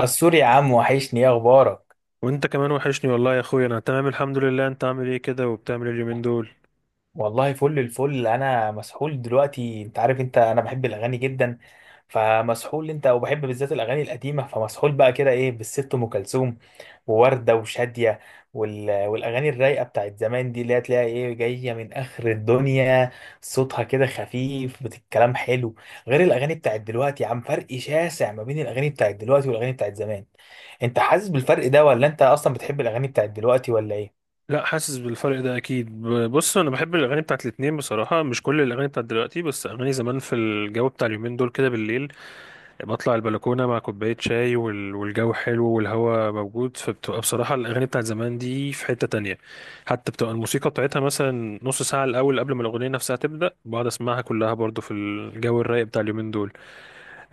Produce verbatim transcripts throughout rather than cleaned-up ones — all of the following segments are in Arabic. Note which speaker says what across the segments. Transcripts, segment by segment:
Speaker 1: السوري يا عم، وحشني. ايه اخبارك؟
Speaker 2: وانت كمان وحشني والله يا اخويا، انا تمام الحمد لله. انت عامل ايه كده وبتعمل ايه اليومين دول؟
Speaker 1: والله فل الفل. انا مسحول دلوقتي، انت عارف، انت انا بحب الاغاني جدا، فمسحول. انت وبحب بالذات الاغاني القديمه، فمسحول بقى كده. ايه بالست ام كلثوم ووردة وشادية وال... والأغاني الرايقة بتاعت زمان دي، اللي هتلاقيها إيه جاية من آخر الدنيا. صوتها كده خفيف، بت- الكلام حلو، غير الأغاني بتاعت دلوقتي. يا عم فرق شاسع ما بين الأغاني بتاعت دلوقتي والأغاني بتاعت زمان. أنت حاسس بالفرق ده، ولا أنت أصلا بتحب الأغاني بتاعت دلوقتي ولا إيه؟
Speaker 2: لا، حاسس بالفرق ده اكيد. ب- بص، انا بحب الاغاني بتاعت الاتنين بصراحه، مش كل الاغاني بتاعت دلوقتي، بس اغاني زمان في الجو بتاع اليومين دول كده بالليل. بطلع البلكونه مع كوبايه شاي وال- والجو حلو والهواء موجود، فبتبقى بصراحه الاغاني بتاعت زمان دي في حته تانية. حتى بتبقى الموسيقى بتاعتها مثلا نص ساعه الاول قبل ما الاغنيه نفسها تبدا، بقعد اسمعها كلها برضو في الجو الرايق بتاع اليومين دول.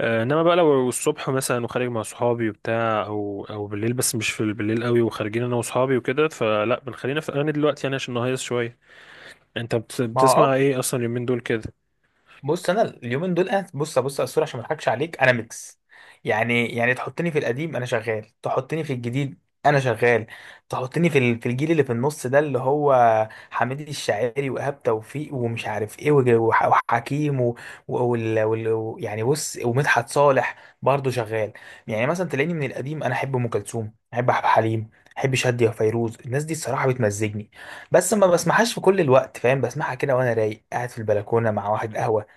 Speaker 2: آه، انما بقى لو الصبح مثلا وخارج مع صحابي وبتاع او او بالليل، بس مش في بالليل قوي، وخارجين انا وصحابي وكده، فلا بنخلينا في الاغاني دلوقتي يعني عشان نهيص شويه. انت بت-
Speaker 1: ما هو
Speaker 2: بتسمع
Speaker 1: اه
Speaker 2: ايه اصلا اليومين دول كده؟
Speaker 1: بص، انا اليومين دول انا بص بص يا اسطوره، عشان ما اضحكش عليك، انا ميكس. يعني يعني تحطني في القديم انا شغال، تحطني في الجديد انا شغال، تحطني في ال- في الجيل اللي في النص ده، اللي هو حميد الشاعري وايهاب توفيق ومش عارف ايه، وج- وح- وحكيم و... و... وال... وال... و- يعني بص، ومدحت صالح، برضه شغال. يعني مثلا تلاقيني من القديم انا احب ام كلثوم، احب عبد الحليم، احب شادية وفيروز. الناس دي الصراحه بتمزجني، بس ما بسمعهاش في كل الوقت، فاهم؟ بسمعها كده وانا رايق، قاعد في البلكونه مع واحد قهوه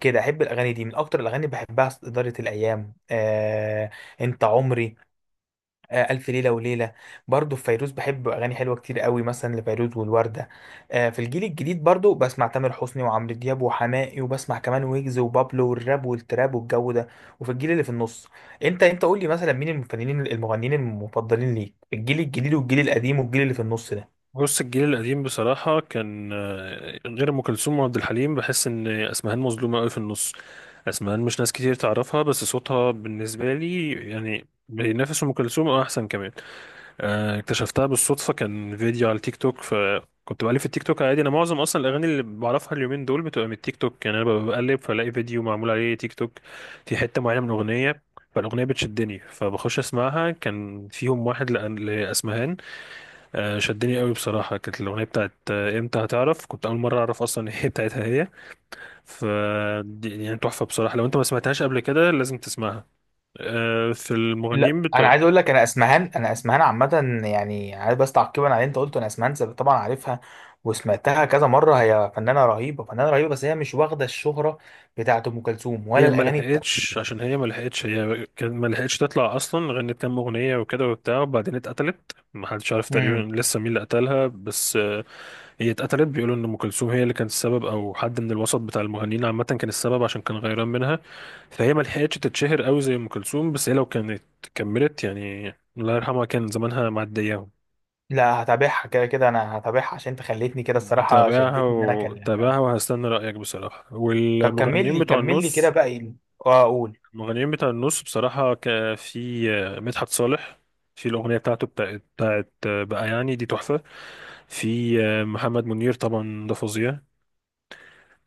Speaker 1: كده. احب الاغاني دي من اكتر الاغاني اللي بحبها، اداره الايام، آه، انت عمري، آه، الف ليله وليله. برضو في فيروز بحب اغاني حلوه كتير قوي، مثلا لفيروز والورده. آه، في الجيل الجديد برضو بسمع تامر حسني وعمرو دياب وحماقي، وبسمع كمان ويجز وبابلو والراب والتراب والجو ده. وفي الجيل اللي في النص، انت انت قول لي مثلا مين الفنانين المغنيين المفضلين ليك في الجيل الجديد والجيل القديم والجيل اللي في النص ده؟
Speaker 2: بص، الجيل القديم بصراحه كان آه، غير ام كلثوم وعبد الحليم بحس ان اسمهان مظلومه قوي في النص. اسمهان مش ناس كتير تعرفها، بس صوتها بالنسبه لي يعني بينافس ام كلثوم او احسن كمان. آه، اكتشفتها بالصدفة، كان فيديو على التيك توك. فكنت بقلب في التيك توك عادي، أنا معظم أصلا الأغاني اللي بعرفها اليومين دول بتبقى من التيك توك، يعني أنا ببقى بقلب فلاقي فيديو معمول عليه تيك توك في حتة معينة من أغنية. فالأغنية بتشدني فبخش أسمعها، كان فيهم واحد لأن- لأسمهان. آه، شدني قوي بصراحة. كانت الأغنية بتاعت آه، إمتى هتعرف. كنت أول مرة أعرف أصلا إن هي بتاعتها هي. ف دي- يعني تحفة بصراحة، لو أنت ما سمعتهاش قبل كده لازم تسمعها. آه، في
Speaker 1: لا
Speaker 2: المغنيين
Speaker 1: انا عايز
Speaker 2: بتوع.
Speaker 1: اقول لك، انا اسمهان انا اسمهان عامه يعني، عايز بس تعقيبا على اللي انت قلته. انا اسمهان سب- طبعا عارفها وسمعتها كذا مره. هي فنانه رهيبه، فنانه رهيبه، بس هي مش واخده الشهره بتاعت ام كلثوم،
Speaker 2: هي
Speaker 1: ولا
Speaker 2: ما
Speaker 1: الاغاني بتاعتها.
Speaker 2: لحقتش، عشان هي ما لحقتش، هي كان ما لحقتش تطلع اصلا. غنت كام اغنيه وكده وبتاع، وبعدين اتقتلت. ما حدش عارف
Speaker 1: امم.
Speaker 2: تقريبا لسه مين اللي قتلها، بس. آه، هي اتقتلت، بيقولوا ان ام كلثوم هي اللي كانت السبب، او حد من الوسط بتاع المغنيين عامه كان السبب عشان كان غيران منها. فهي ما لحقتش تتشهر قوي زي ام كلثوم، بس هي لو كانت كملت يعني. الله يرحمها، كان زمانها معدياهم.
Speaker 1: لا هتابعها، كده كده انا هتابعها عشان انت خليتني كده. الصراحه
Speaker 2: تابعها
Speaker 1: شدتني ان انا اكلمك
Speaker 2: وتابعها،
Speaker 1: اه
Speaker 2: وهستنى رأيك بصراحة.
Speaker 1: طب كمل
Speaker 2: والمغنيين
Speaker 1: لي،
Speaker 2: بتوع
Speaker 1: كمل لي كده
Speaker 2: النص.
Speaker 1: بقى، ايه؟ اه، اقول.
Speaker 2: المغنيين بتاع النص بصراحة، ك- في آه، مدحت صالح. في الأغنية بتاعته بتاعت, بتاعت آه، بقى، يعني دي تحفة. في آه، محمد منير، طبعا ده فظيع.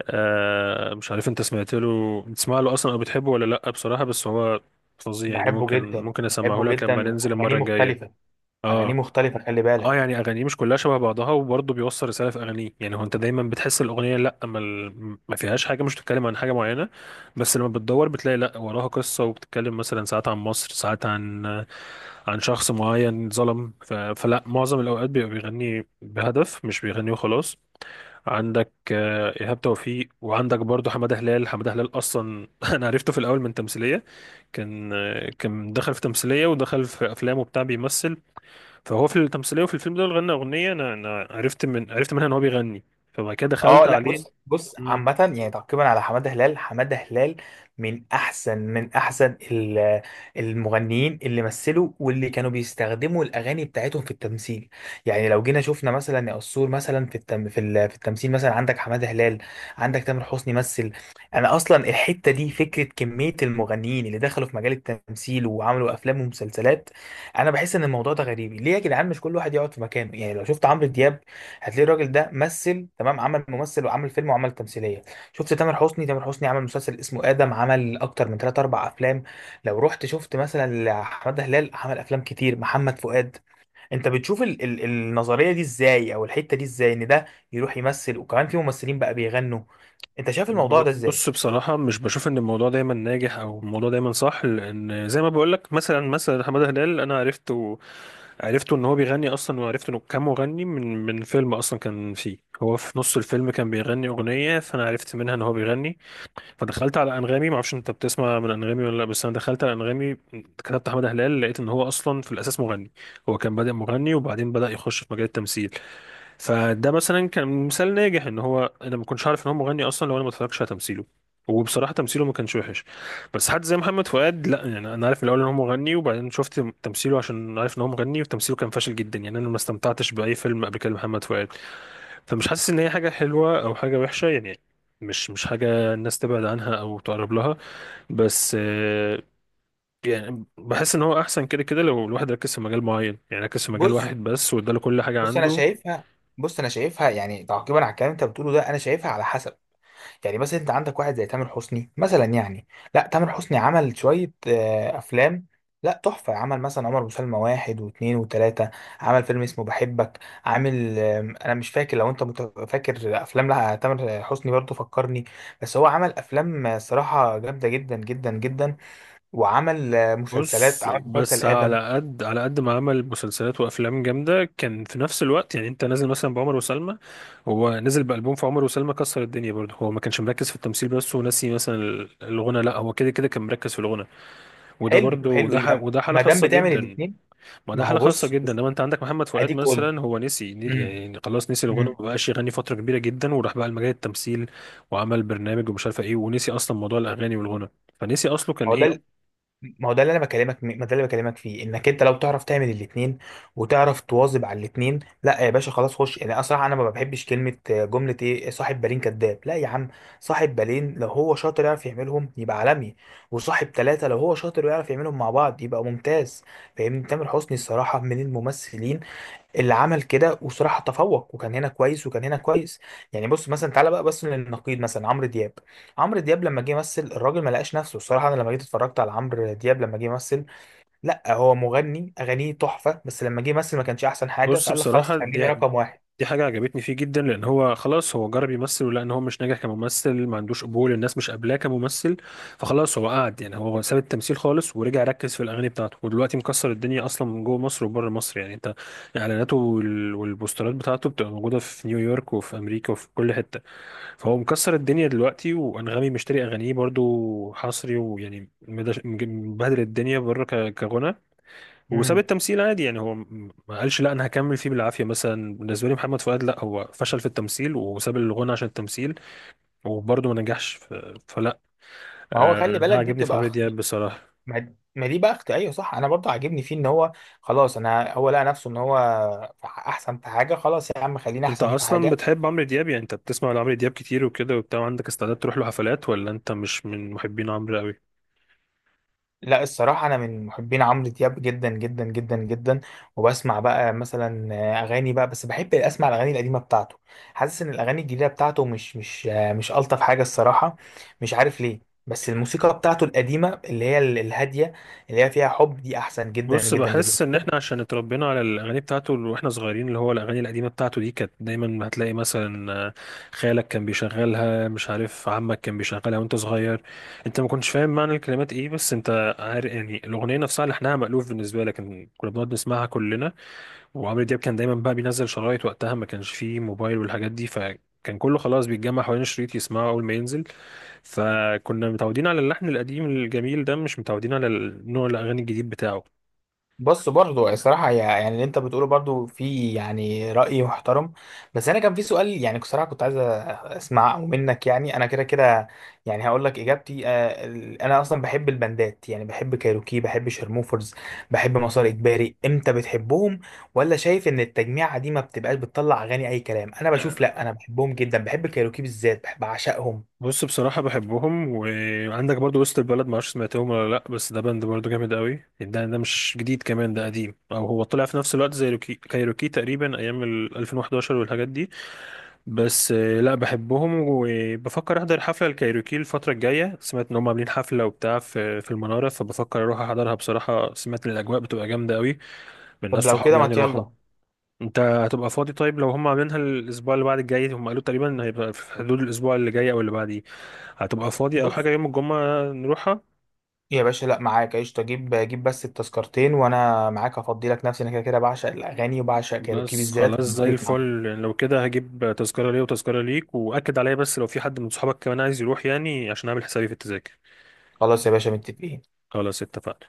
Speaker 2: آه، مش عارف انت سمعت له بتسمع له أصلا أو بتحبه ولا لأ بصراحة، بس هو فظيع يعني.
Speaker 1: بحبه
Speaker 2: ممكن
Speaker 1: جدا،
Speaker 2: ممكن أسمعه
Speaker 1: بحبه
Speaker 2: لك لما
Speaker 1: جدا،
Speaker 2: ننزل
Speaker 1: واغانيه
Speaker 2: المرة الجاية.
Speaker 1: مختلفه. اغانيه
Speaker 2: اه.
Speaker 1: مختلفه، خلي
Speaker 2: اه،
Speaker 1: بالك.
Speaker 2: يعني اغانيه مش كلها شبه بعضها، وبرضه بيوصل رساله في اغانيه. يعني هو انت دايما بتحس الاغنيه لا ما, ال- ما فيهاش حاجه، مش بتتكلم عن حاجه معينه. بس لما بتدور بتلاقي لا، وراها قصه وبتتكلم مثلا ساعات عن مصر، ساعات عن عن شخص معين ظلم. ف... فلا معظم الاوقات بيبقى بيغني بهدف، مش بيغني وخلاص. عندك آه، ايهاب توفيق، وعندك برضه حماده هلال. حماده هلال اصلا انا عرفته في الاول من تمثيليه. كان آه، كان دخل في تمثيلية ودخل في أفلام وبتاع بيمثل. فهو في التمثيليه وفي الفيلم ده غنى اغنيه. انا انا عرفت من عرفت منها ان هو بيغني. فبعد كده
Speaker 1: اه.
Speaker 2: دخلت
Speaker 1: لا
Speaker 2: عليه.
Speaker 1: بص، بص،
Speaker 2: مم.
Speaker 1: عامة يعني تعقيبا على حمادة هلال. حمادة هلال من أحسن من أحسن ال- المغنيين اللي مثلوا، واللي كانوا بيستخدموا الأغاني بتاعتهم في التمثيل. يعني لو جينا شفنا مثلا، يا قصور، مثلا في التم في, ال- في التمثيل، مثلا عندك حمادة هلال، عندك تامر حسني مثل. أنا أصلا الحتة دي فكرة، كمية المغنيين اللي دخلوا في مجال التمثيل وعملوا أفلام ومسلسلات، أنا بحس إن الموضوع ده غريب. ليه يا جدعان مش كل واحد يقعد في مكانه؟ يعني لو شفت عمرو دياب هتلاقي الراجل ده مثل تمام، عمل ممثل وعمل فيلم وعمل تمثيليه. شفت تامر حسني، تامر حسني عمل مسلسل اسمه ادم، عمل اكتر من ثلاثة أربعة افلام. لو رحت شفت مثلا حماده هلال، عمل افلام كتير. محمد فؤاد، انت بتشوف ال ال النظريه دي ازاي، او الحته دي ازاي، ان ده يروح يمثل، وكمان في ممثلين بقى بيغنوا؟ انت شايف الموضوع ده
Speaker 2: ب-
Speaker 1: ازاي؟
Speaker 2: بص، بصراحه مش بشوف ان الموضوع دايما ناجح او الموضوع دايما صح، لان زي ما بقول لك مثلا مثلا حماده هلال انا عرفته. عرفته ان هو بيغني اصلا، وعرفت انه كان مغني من من فيلم، اصلا كان فيه هو في نص الفيلم كان بيغني اغنيه، فانا عرفت منها ان هو بيغني. فدخلت على انغامي. ما اعرفش انت بتسمع من انغامي ولا لا، بس انا دخلت على انغامي. كتبت احمد هلال، لقيت ان هو اصلا في الاساس مغني. هو كان بادئ مغني، وبعدين بدا يخش في مجال التمثيل. فده مثلا كان مثال ناجح، ان هو انا ما كنتش عارف ان هو مغني اصلا لو انا ما اتفرجتش على تمثيله. وبصراحه تمثيله ما كانش وحش. بس حد زي محمد فؤاد لا، يعني انا عارف من الاول ان هو مغني، وبعدين شفت تمثيله عشان عارف ان هو مغني، وتمثيله كان فاشل جدا، يعني انا ما استمتعتش باي فيلم قبل كده لمحمد فؤاد. فمش حاسس ان هي حاجه حلوه او حاجه وحشه يعني. مش مش حاجه الناس تبعد عنها او تقرب لها. بس آه، يعني بحس ان هو احسن كده كده، لو الواحد ركز في مجال معين يعني ركز في مجال
Speaker 1: بص،
Speaker 2: واحد بس، واداله كل حاجه
Speaker 1: بص انا
Speaker 2: عنده.
Speaker 1: شايفها، بص انا شايفها، يعني تعقيبا على الكلام اللي انت بتقوله ده، انا شايفها على حسب. يعني مثلا انت عندك واحد زي تامر حسني مثلا، يعني لا، تامر حسني عمل شوية آه، افلام، لا تحفة. عمل مثلا عمر وسلمى واحد واثنين وثلاثة، عمل فيلم اسمه بحبك، عامل آم، انا مش فاكر. لو انت مت- فاكر افلام لا تامر حسني برضه فكرني. بس هو عمل افلام آه، صراحة جامدة جدا جدا جدا، وعمل آه، مسلسلات،
Speaker 2: بص،
Speaker 1: عمل مسلسل
Speaker 2: بس
Speaker 1: ادم.
Speaker 2: على قد على قد ما عمل مسلسلات وافلام جامده، كان في نفس الوقت. يعني انت نازل مثلا بعمر وسلمى، هو نزل بالبوم في عمر وسلمى كسر الدنيا برضه. هو ما كانش مركز في التمثيل بس وناسي مثلا الغنى، لا هو كده كده كان مركز في الغنى. وده
Speaker 1: حلو،
Speaker 2: برضه
Speaker 1: حلو،
Speaker 2: وده ح-
Speaker 1: يبقى
Speaker 2: وده حاله
Speaker 1: ما دام
Speaker 2: خاصه
Speaker 1: بتعمل
Speaker 2: جدا.
Speaker 1: الاثنين.
Speaker 2: ما ده
Speaker 1: ما هو
Speaker 2: حالة خاصة
Speaker 1: بص،
Speaker 2: جدا،
Speaker 1: بص،
Speaker 2: لما انت عندك محمد فؤاد
Speaker 1: اديك قول.
Speaker 2: مثلا هو نسي
Speaker 1: مم،
Speaker 2: يعني خلاص نسي الغنى، ما
Speaker 1: مم.
Speaker 2: بقاش يغني فترة كبيرة جدا، وراح بقى لمجال التمثيل. وعمل برنامج ومش عارفة ايه، ونسي اصلا موضوع الاغاني والغنى. فنسي اصله كان
Speaker 1: هو ده،
Speaker 2: ايه.
Speaker 1: ما هو ده اللي انا بكلمك، ما ده اللي بكلمك فيه، انك انت لو تعرف تعمل الاثنين وتعرف تواظب على الاثنين، لا يا باشا خلاص خش. يعني اصلا انا ما بحبش كلمه، آه، جمله ايه، صاحب بالين كذاب. لا يا عم، صاحب بالين لو هو شاطر يعرف يعملهم يبقى عالمي، وصاحب ثلاثه لو هو شاطر ويعرف يعملهم مع بعض يبقى ممتاز، فاهمني؟ تامر حسني الصراحه من الممثلين اللي عمل كده، وصراحة تفوق، وكان هنا كويس وكان هنا كويس. يعني بص، مثلا تعالى بقى بس للنقيض، مثلا عمرو دياب. عمرو دياب لما جه يمثل، الراجل ما لقاش نفسه الصراحة. انا لما جيت اتفرجت على عمرو دياب لما جه يمثل، لا، هو مغني اغانيه تحفة، بس لما جه يمثل ما كانش احسن حاجة،
Speaker 2: بص
Speaker 1: فقال لك خلاص
Speaker 2: بصراحة.
Speaker 1: خليني
Speaker 2: دي
Speaker 1: رقم واحد.
Speaker 2: دي حاجة عجبتني فيه جدا، لأن هو خلاص هو جرب يمثل ولقى إن هو مش ناجح كممثل، ما عندوش قبول، الناس مش قابلاه كممثل. فخلاص هو قعد يعني، هو ساب التمثيل خالص ورجع ركز في الأغاني بتاعته، ودلوقتي مكسر الدنيا أصلا من جوه مصر وبره مصر يعني. أنت إعلاناته وال- والبوسترات بتاعته بتبقى موجودة في نيويورك وفي أمريكا وفي كل حتة. فهو مكسر الدنيا دلوقتي، وأنغامي مشتري أغانيه برضو حصري، ويعني مدش- مج- مبهدل الدنيا بره ك- كغنى. وساب
Speaker 1: امم.
Speaker 2: التمثيل عادي يعني، هو م- ما قالش لا انا هكمل فيه بالعافيه. مثلا بالنسبه لي محمد فؤاد لا، هو فشل في التمثيل وساب الغنى عشان التمثيل، وبرضه ما نجحش. ف- فلا.
Speaker 1: ما هو
Speaker 2: آه،
Speaker 1: خلي
Speaker 2: ده
Speaker 1: بالك، دي
Speaker 2: عاجبني في
Speaker 1: بتبقى
Speaker 2: عمرو دياب
Speaker 1: اختي،
Speaker 2: بصراحه.
Speaker 1: ما ما دي بقى اختي، ايوه صح، انا برضه عاجبني فيه ان هو، خلاص، انا هو لقى نفسه ان هو احسن في حاجة، خلاص يا عم، خليني
Speaker 2: انت
Speaker 1: احسن في
Speaker 2: اصلا
Speaker 1: حاجة.
Speaker 2: بتحب عمرو دياب يعني؟ انت بتسمع لعمرو دياب كتير وكده وبتاع، عندك استعداد تروح له حفلات، ولا انت مش من محبين عمرو قوي؟
Speaker 1: لا الصراحة أنا من محبين عمرو دياب جدا جدا جدا جدا، وبسمع بقى مثلا أغاني بقى، بس بحب أسمع الأغاني القديمة بتاعته. حاسس إن الأغاني الجديدة بتاعته مش مش مش ألطف حاجة الصراحة، مش عارف ليه. بس الموسيقى بتاعته القديمة، اللي هي ال- الهادية، اللي هي فيها حب، دي أحسن جدا
Speaker 2: بص،
Speaker 1: جدا جدا.
Speaker 2: بحس ان احنا عشان اتربينا على الاغاني بتاعته اللي واحنا صغيرين، اللي هو الاغاني القديمه بتاعته دي، كانت دايما هتلاقي مثلا آه، خالك كان بيشغلها، مش عارف عمك كان بيشغلها وانت صغير. انت ما كنتش فاهم معنى الكلمات ايه، بس انت عارف يعني الاغنيه نفسها لحنها مألوف بالنسبه لك، إن كنا بنقعد نسمعها كلنا. وعمرو دياب كان دايما بقى بينزل شرايط وقتها، ما كانش فيه موبايل والحاجات دي. ف كان كله خلاص بيتجمع حوالين الشريط يسمعه اول ما ينزل. فكنا متعودين على اللحن القديم الجميل ده، مش متعودين على نوع الاغاني الجديد بتاعه.
Speaker 1: بص، برضو الصراحة يا- يعني اللي انت بتقوله برضو في يعني رأي محترم، بس انا كان في سؤال يعني صراحة كنت عايز أ- اسمعه منك. يعني انا كده كده يعني هقول لك اجابتي. آه، ال- انا اصلا بحب البندات، يعني بحب كايروكي، بحب شرموفرز، بحب مسار اجباري. انت بتحبهم، ولا شايف ان التجميعة دي ما بتبقاش بتطلع اغاني اي كلام؟ انا بشوف، لا انا بحبهم جدا، بحب كايروكي بالذات، بحب اعشقهم.
Speaker 2: بص بصراحة بحبهم. وعندك برضو وسط البلد، معرفش سمعتهم ولا لأ، بس ده باند برضو جامد قوي، ده ده مش جديد كمان، ده قديم، أو هو طلع في نفس الوقت زي روكي كايروكي تقريبا، أيام ال الفين واحد عشر والحاجات دي. بس آه، لأ، بحبهم وبفكر أحضر حفلة الكايروكي الفترة الجاية، سمعت إن هم عاملين حفلة وبتاع في في المنارة، فبفكر أروح أحضرها بصراحة، سمعت إن الأجواء بتبقى جامدة قوي من ناس
Speaker 1: طب لو كده
Speaker 2: صحابي
Speaker 1: ما
Speaker 2: يعني راحوا.
Speaker 1: يلا.
Speaker 2: انت هتبقى فاضي؟ طيب لو هم عاملينها الاسبوع اللي بعد الجاي، هم قالوا تقريبا هيبقى في حدود الاسبوع اللي جاي او اللي بعديه، هتبقى فاضي او
Speaker 1: بص
Speaker 2: حاجه يوم الجمعه نروحها؟
Speaker 1: يا باشا، لا معاك، قشطة، جيب، جيب بس التذكرتين وانا معاك، هفضي لك نفسي، انا كده كده بعشق الاغاني، وبعشق كايروكي
Speaker 2: بس خلاص
Speaker 1: بالذات
Speaker 2: زي
Speaker 1: الموسيقى.
Speaker 2: الفل، لو كده هجيب تذكره ليا وتذكره ليك، واكد عليا بس لو في حد من صحابك كمان عايز يروح يعني، عشان اعمل حسابي في التذاكر.
Speaker 1: خلاص يا باشا، متفقين.
Speaker 2: خلاص اتفقنا.